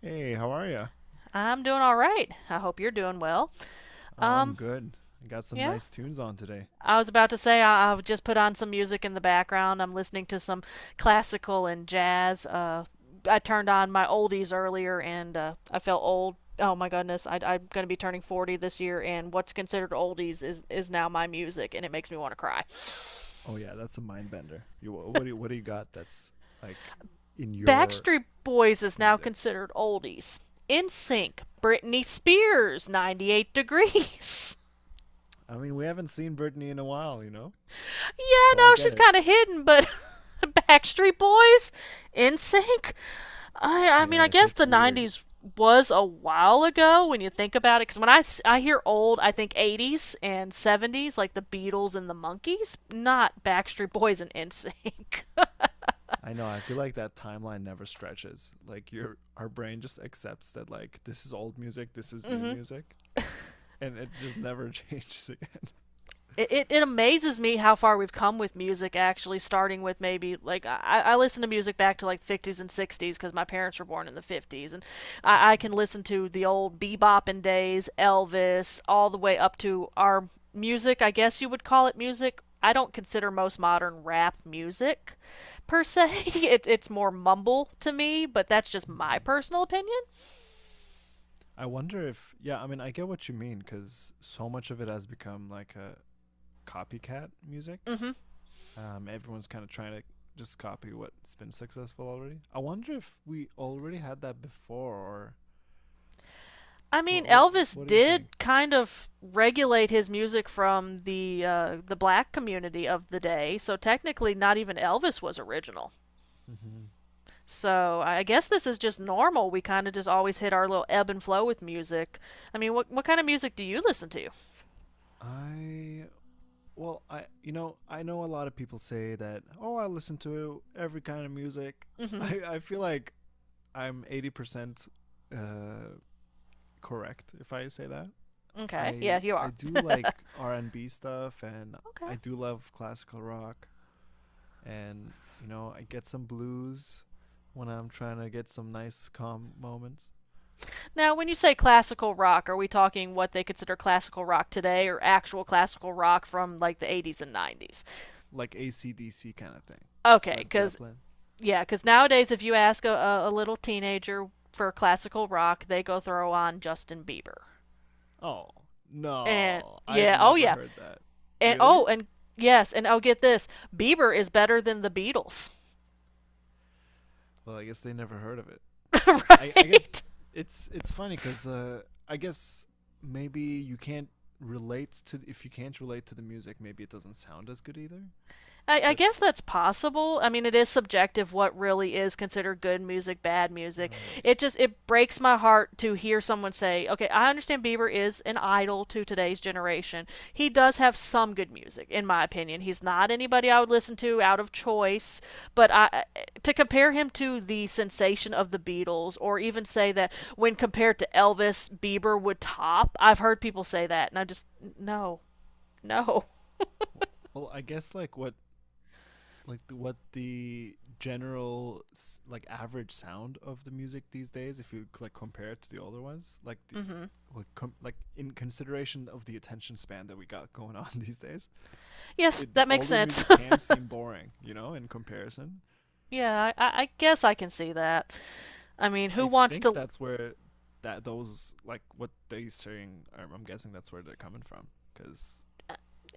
Hey, how are you? I'm doing all right. I hope you're doing well. Oh, I'm Um, good. I got some yeah. nice tunes on today. I was about to say I've just put on some music in the background. I'm listening to some classical and jazz. I turned on my oldies earlier, and I felt old. Oh my goodness, I'm going to be turning 40 this year, and what's considered oldies is now my music, and it makes me want to cry. Oh yeah, that's a mind bender. What do you got that's like in your Backstreet Boys is now music? considered oldies. In Sync, Britney Spears, 98 Degrees. I mean, we haven't seen Britney in a while, you know? Yeah, So I no, get she's it. kind of hidden, but Backstreet Boys, NSYNC. I, I Yeah, mean, I it guess hits the weird. '90s was a while ago when you think about it. Because when I hear old, I think '80s and '70s, like the Beatles and the Monkees, not Backstreet Boys and NSYNC. I know. I feel like that timeline never stretches. Like your our brain just accepts that, like, this is old music, this is new Mm-hmm. music, and it just never changes again. It amazes me how far we've come with music, actually, starting with maybe like I listen to music back to like '50s and '60s because my parents were born in the '50s, and I can listen to the old bebopping days, Elvis, all the way up to our music, I guess you would call it music. I don't consider most modern rap music per se. It's more mumble to me, but that's just my Mhm. personal opinion. I wonder if yeah, I mean, I get what you mean cuz so much of it has become like a copycat music. Hmm. Everyone's kind of trying to just copy what's been successful already. I wonder if we already had that before, or I mean, what? What, Elvis what do you think? did kind of regulate his music from the the black community of the day, so technically, not even Elvis was original. Mm-hmm. So I guess this is just normal. We kind of just always hit our little ebb and flow with music. I mean, what kind of music do you listen to? I well, I, I know a lot of people say that, oh, I listen to every kind of music. Mm-hmm. I feel like I'm 80% uh, correct if I say that. Okay. I Yeah, you I are. do like R and B stuff, and Okay. I do love classical rock, and I get some blues when I'm trying to get some nice calm moments, Now, when you say classical rock, are we talking what they consider classical rock today, or actual classical rock from like the '80s and '90s? like AC/DC kind of thing, Okay, Led because. Zeppelin. Yeah, because nowadays, if you ask a little teenager for classical rock, they go throw on Justin Bieber. Oh And no, I've yeah, oh never yeah, heard that. and Really? oh, and yes, and oh, get this: Bieber is better than the Beatles, Well, I guess they never heard of it. I guess right? it's funny because I guess maybe you can't relate to, if you can't relate to the music, maybe it doesn't sound as good either. I But guess that's possible. I mean, it is subjective what really is considered good music, bad music. right. It just, it breaks my heart to hear someone say, "Okay, I understand Bieber is an idol to today's generation. He does have some good music, in my opinion. He's not anybody I would listen to out of choice, but I, to compare him to the sensation of the Beatles, or even say that when compared to Elvis, Bieber would top. I've heard people say that, and I just, no, no." Well, I guess like, what the general like average sound of the music these days, if you like compare it to the older ones like the Mm-hmm. like, in consideration of the attention span that we got going on these days, Yes, the that makes older sense. music can seem boring, you know, in comparison. Yeah, I guess I can see that. I mean, who I wants think to? that's where that those, like, what they're saying, I'm guessing that's where they're coming from, because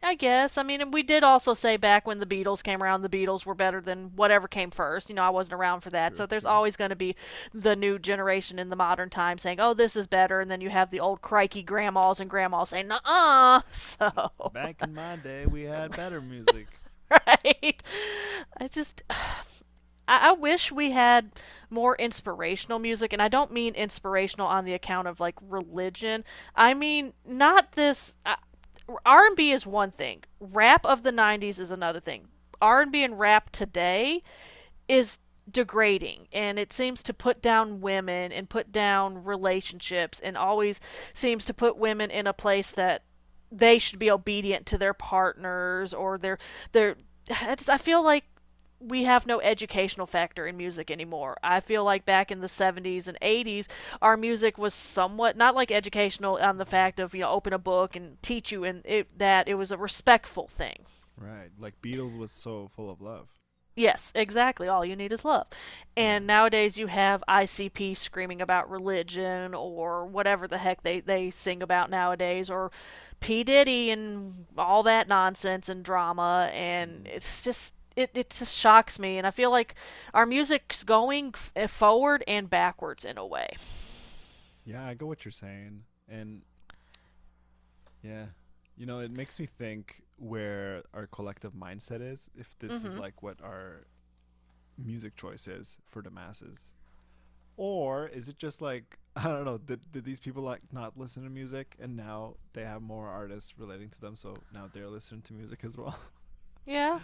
I guess. I mean, and we did also say back when the Beatles came around, the Beatles were better than whatever came first. You know, I wasn't around for that. true, So there's true, always going to be the new generation in the modern time saying, oh, this is better. And then you have the old crikey grandmas and grandmas saying, uh. So, back in my day we had better music, right? I just. I wish we had more inspirational music, and I don't mean inspirational on the account of like religion. I mean not this. R&B is one thing. Rap of the '90s is another thing. R&B and B and rap today is degrading, and it seems to put down women and put down relationships and always seems to put women in a place that they should be obedient to their partners, or their. I just, I feel like we have no educational factor in music anymore. I feel like back in the '70s and '80s, our music was somewhat not like educational on the fact of, open a book and teach you, and that it was a respectful thing. right, like Beatles was so full of love. Yes, exactly. All you need is love. Yeah. And nowadays you have ICP screaming about religion or whatever the heck they sing about nowadays, or P. Diddy and all that nonsense and drama. And Mm. it's just, it just shocks me. And I feel like our music's going forward and backwards in a way. Yeah, I get what you're saying. And yeah, you know, it makes me think where our collective mindset is, if Mm this is hmm. like what our music choice is for the masses. Or is it just like, I don't know, did these people like not listen to music and now they have more artists relating to them, so now they're listening to music as well? Yeah,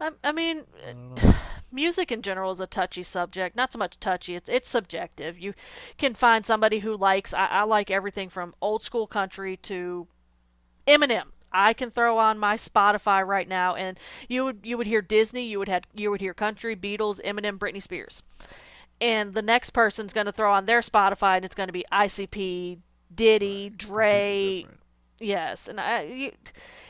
I mean, I don't know. music in general is a touchy subject. Not so much touchy; it's subjective. You can find somebody who likes. I like everything from old school country to Eminem. I can throw on my Spotify right now, and you would hear Disney, you would hear country, Beatles, Eminem, Britney Spears, and the next person's going to throw on their Spotify, and it's going to be ICP, Right. Diddy, Completely Dre. different. Yes, and I,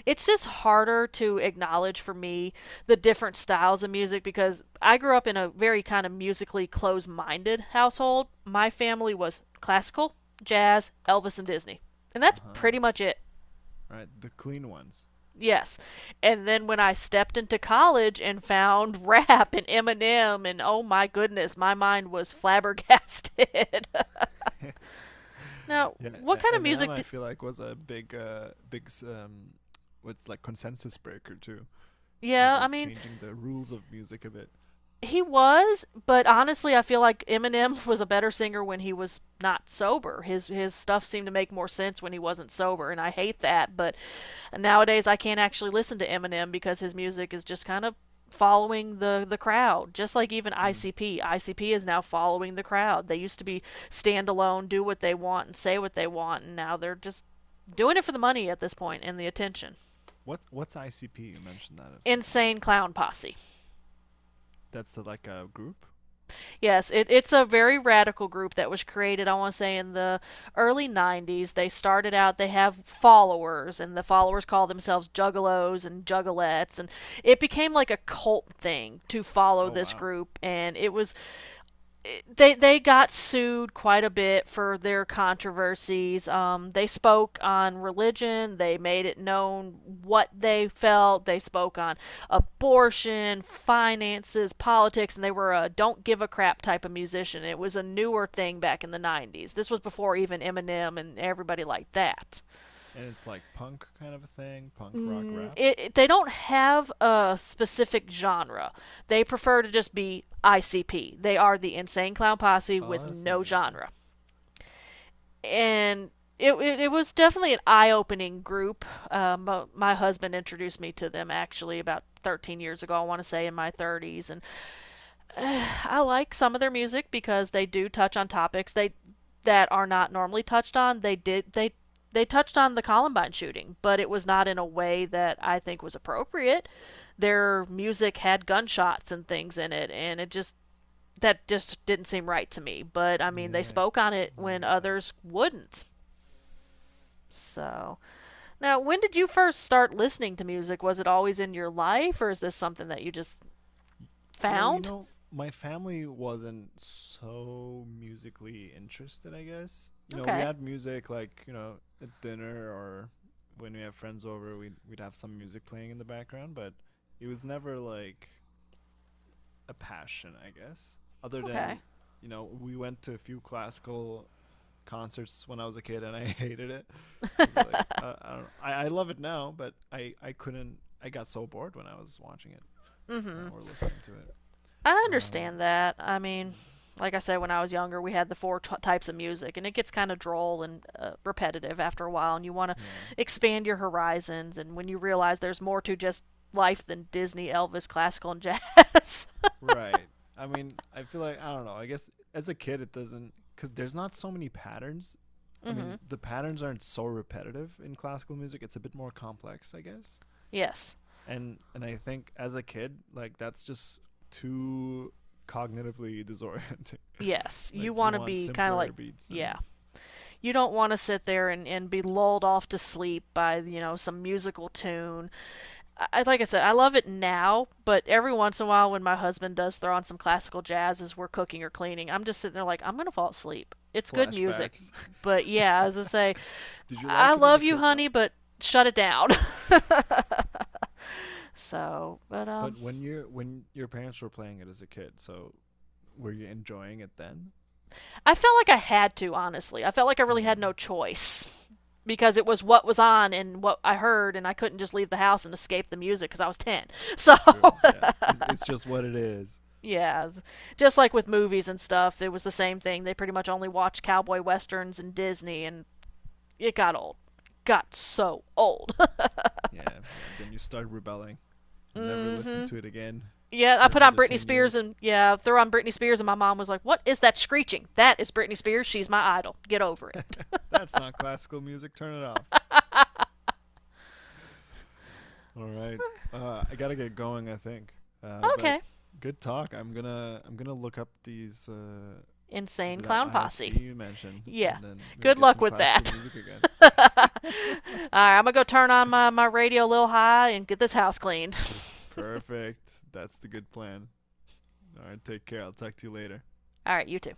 it's just harder to acknowledge for me the different styles of music because I grew up in a very kind of musically closed-minded household. My family was classical, jazz, Elvis, and Disney, and Uh that's huh. pretty much it. Right. The clean ones. Yes. And then when I stepped into college and found rap and Eminem, and oh my goodness, my mind was flabbergasted. Now, Yeah, what kind of Eminem, music I did. feel like was a big, big, what's like consensus breaker too. It was Yeah, I like mean, changing the rules of music a bit. he was, but honestly, I feel like Eminem was a better singer when he was not sober. His stuff seemed to make more sense when he wasn't sober, and I hate that. But nowadays, I can't actually listen to Eminem because his music is just kind of following the crowd, just like even Hmm. ICP is now following the crowd. They used to be standalone, do what they want and say what they want, and now they're just doing it for the money at this point, and the attention. What's ICP? You mentioned that a few times. Insane Clown Posse. That's like a group. Yes, it's a very radical group that was created, I want to say, in the early '90s. They started out. They have followers, and the followers call themselves juggalos and juggalettes. And it became like a cult thing to follow Oh this wow, group. And it was, they got sued quite a bit for their controversies. They spoke on religion. They made it known what they felt. They spoke on abortion, finances, politics, and they were a don't give a crap type of musician. It was a newer thing back in the '90s. This was before even Eminem and everybody like that. and it's like punk kind of a thing, punk rock rap. They don't have a specific genre. They prefer to just be ICP. They are the Insane Clown Posse Oh, with that's no interesting. genre. And it was definitely an eye opening group. My husband introduced me to them actually about 13 years ago, I want to say, in my '30s. And I like some of their music because they do touch on topics they that are not normally touched on. They touched on the Columbine shooting, but it was not in a way that I think was appropriate. Their music had gunshots and things in it, and it just, that just didn't seem right to me. But I mean, they Yeah, spoke on it yeah, I when get that. others wouldn't. So. Now, when did you first start listening to music? Was it always in your life, or is this something that you just Y- Well, you found? know, my family wasn't so musically interested, I guess. You know, we Okay, had music like, you know, at dinner, or when we have friends over, we'd have some music playing in the background, but it was never like a passion, I guess. Other okay. than, you know, we went to a few classical concerts when I was a kid and I hated it because like I don't know. I love it now, but I couldn't, I got so bored when I was watching it Mm-hmm. or listening to it. I Um understand that. I mean, like I said, when I was younger, we had the four types of music, and it gets kind of droll and repetitive after a while, and you want to yeah. expand your horizons, and when you realize there's more to just life than Disney, Elvis, classical, and jazz. Right. I mean, I feel like I don't know. I guess as a kid, it doesn't, because there's not so many patterns. I Mm-hmm. mean, the patterns aren't so repetitive in classical music. It's a bit more complex, I guess. Yes, And I think as a kid, like that's just too cognitively disorienting. yes. You Like you want to want be kind of simpler like, beats yeah, and you don't want to sit there and, be lulled off to sleep by, some musical tune. Like I said, I love it now, but every once in a while, when my husband does throw on some classical jazz as we're cooking or cleaning, I'm just sitting there like, I'm gonna fall asleep. It's good music, flashbacks. but yeah, as I say, Did you I like it as a love you, kid though? honey, but shut it down. So, but But when you're when your parents were playing it as a kid, so were you enjoying it then? I felt like I had to, honestly. I felt like I really had Hmm. no choice because it was what was on and what I heard, and I couldn't just leave the house and escape the music because I was 10. So, True. Yeah. It's just what it is. yeah, just like with movies and stuff, it was the same thing. They pretty much only watched cowboy westerns and Disney, and it got old. Got so old. Yeah. Yeah. Then you start rebelling and never Mm listen hmm. to it again Yeah, I for put on another Britney 10 Spears years. and yeah, throw on Britney Spears and my mom was like, "What is that screeching? That is Britney Spears. She's my idol. Get over it." That's not classical music. Turn it off. All right. I got to get going, I think. But Okay. good talk. I'm going to look up these Insane that Clown ISB Posse. you mentioned Yeah. and then maybe Good get luck some with classical that. music again. All right, I'm gonna go turn on my, radio a little high and get this house cleaned. Perfect. That's the good plan. All right. Take care. I'll talk to you later. All right, you too.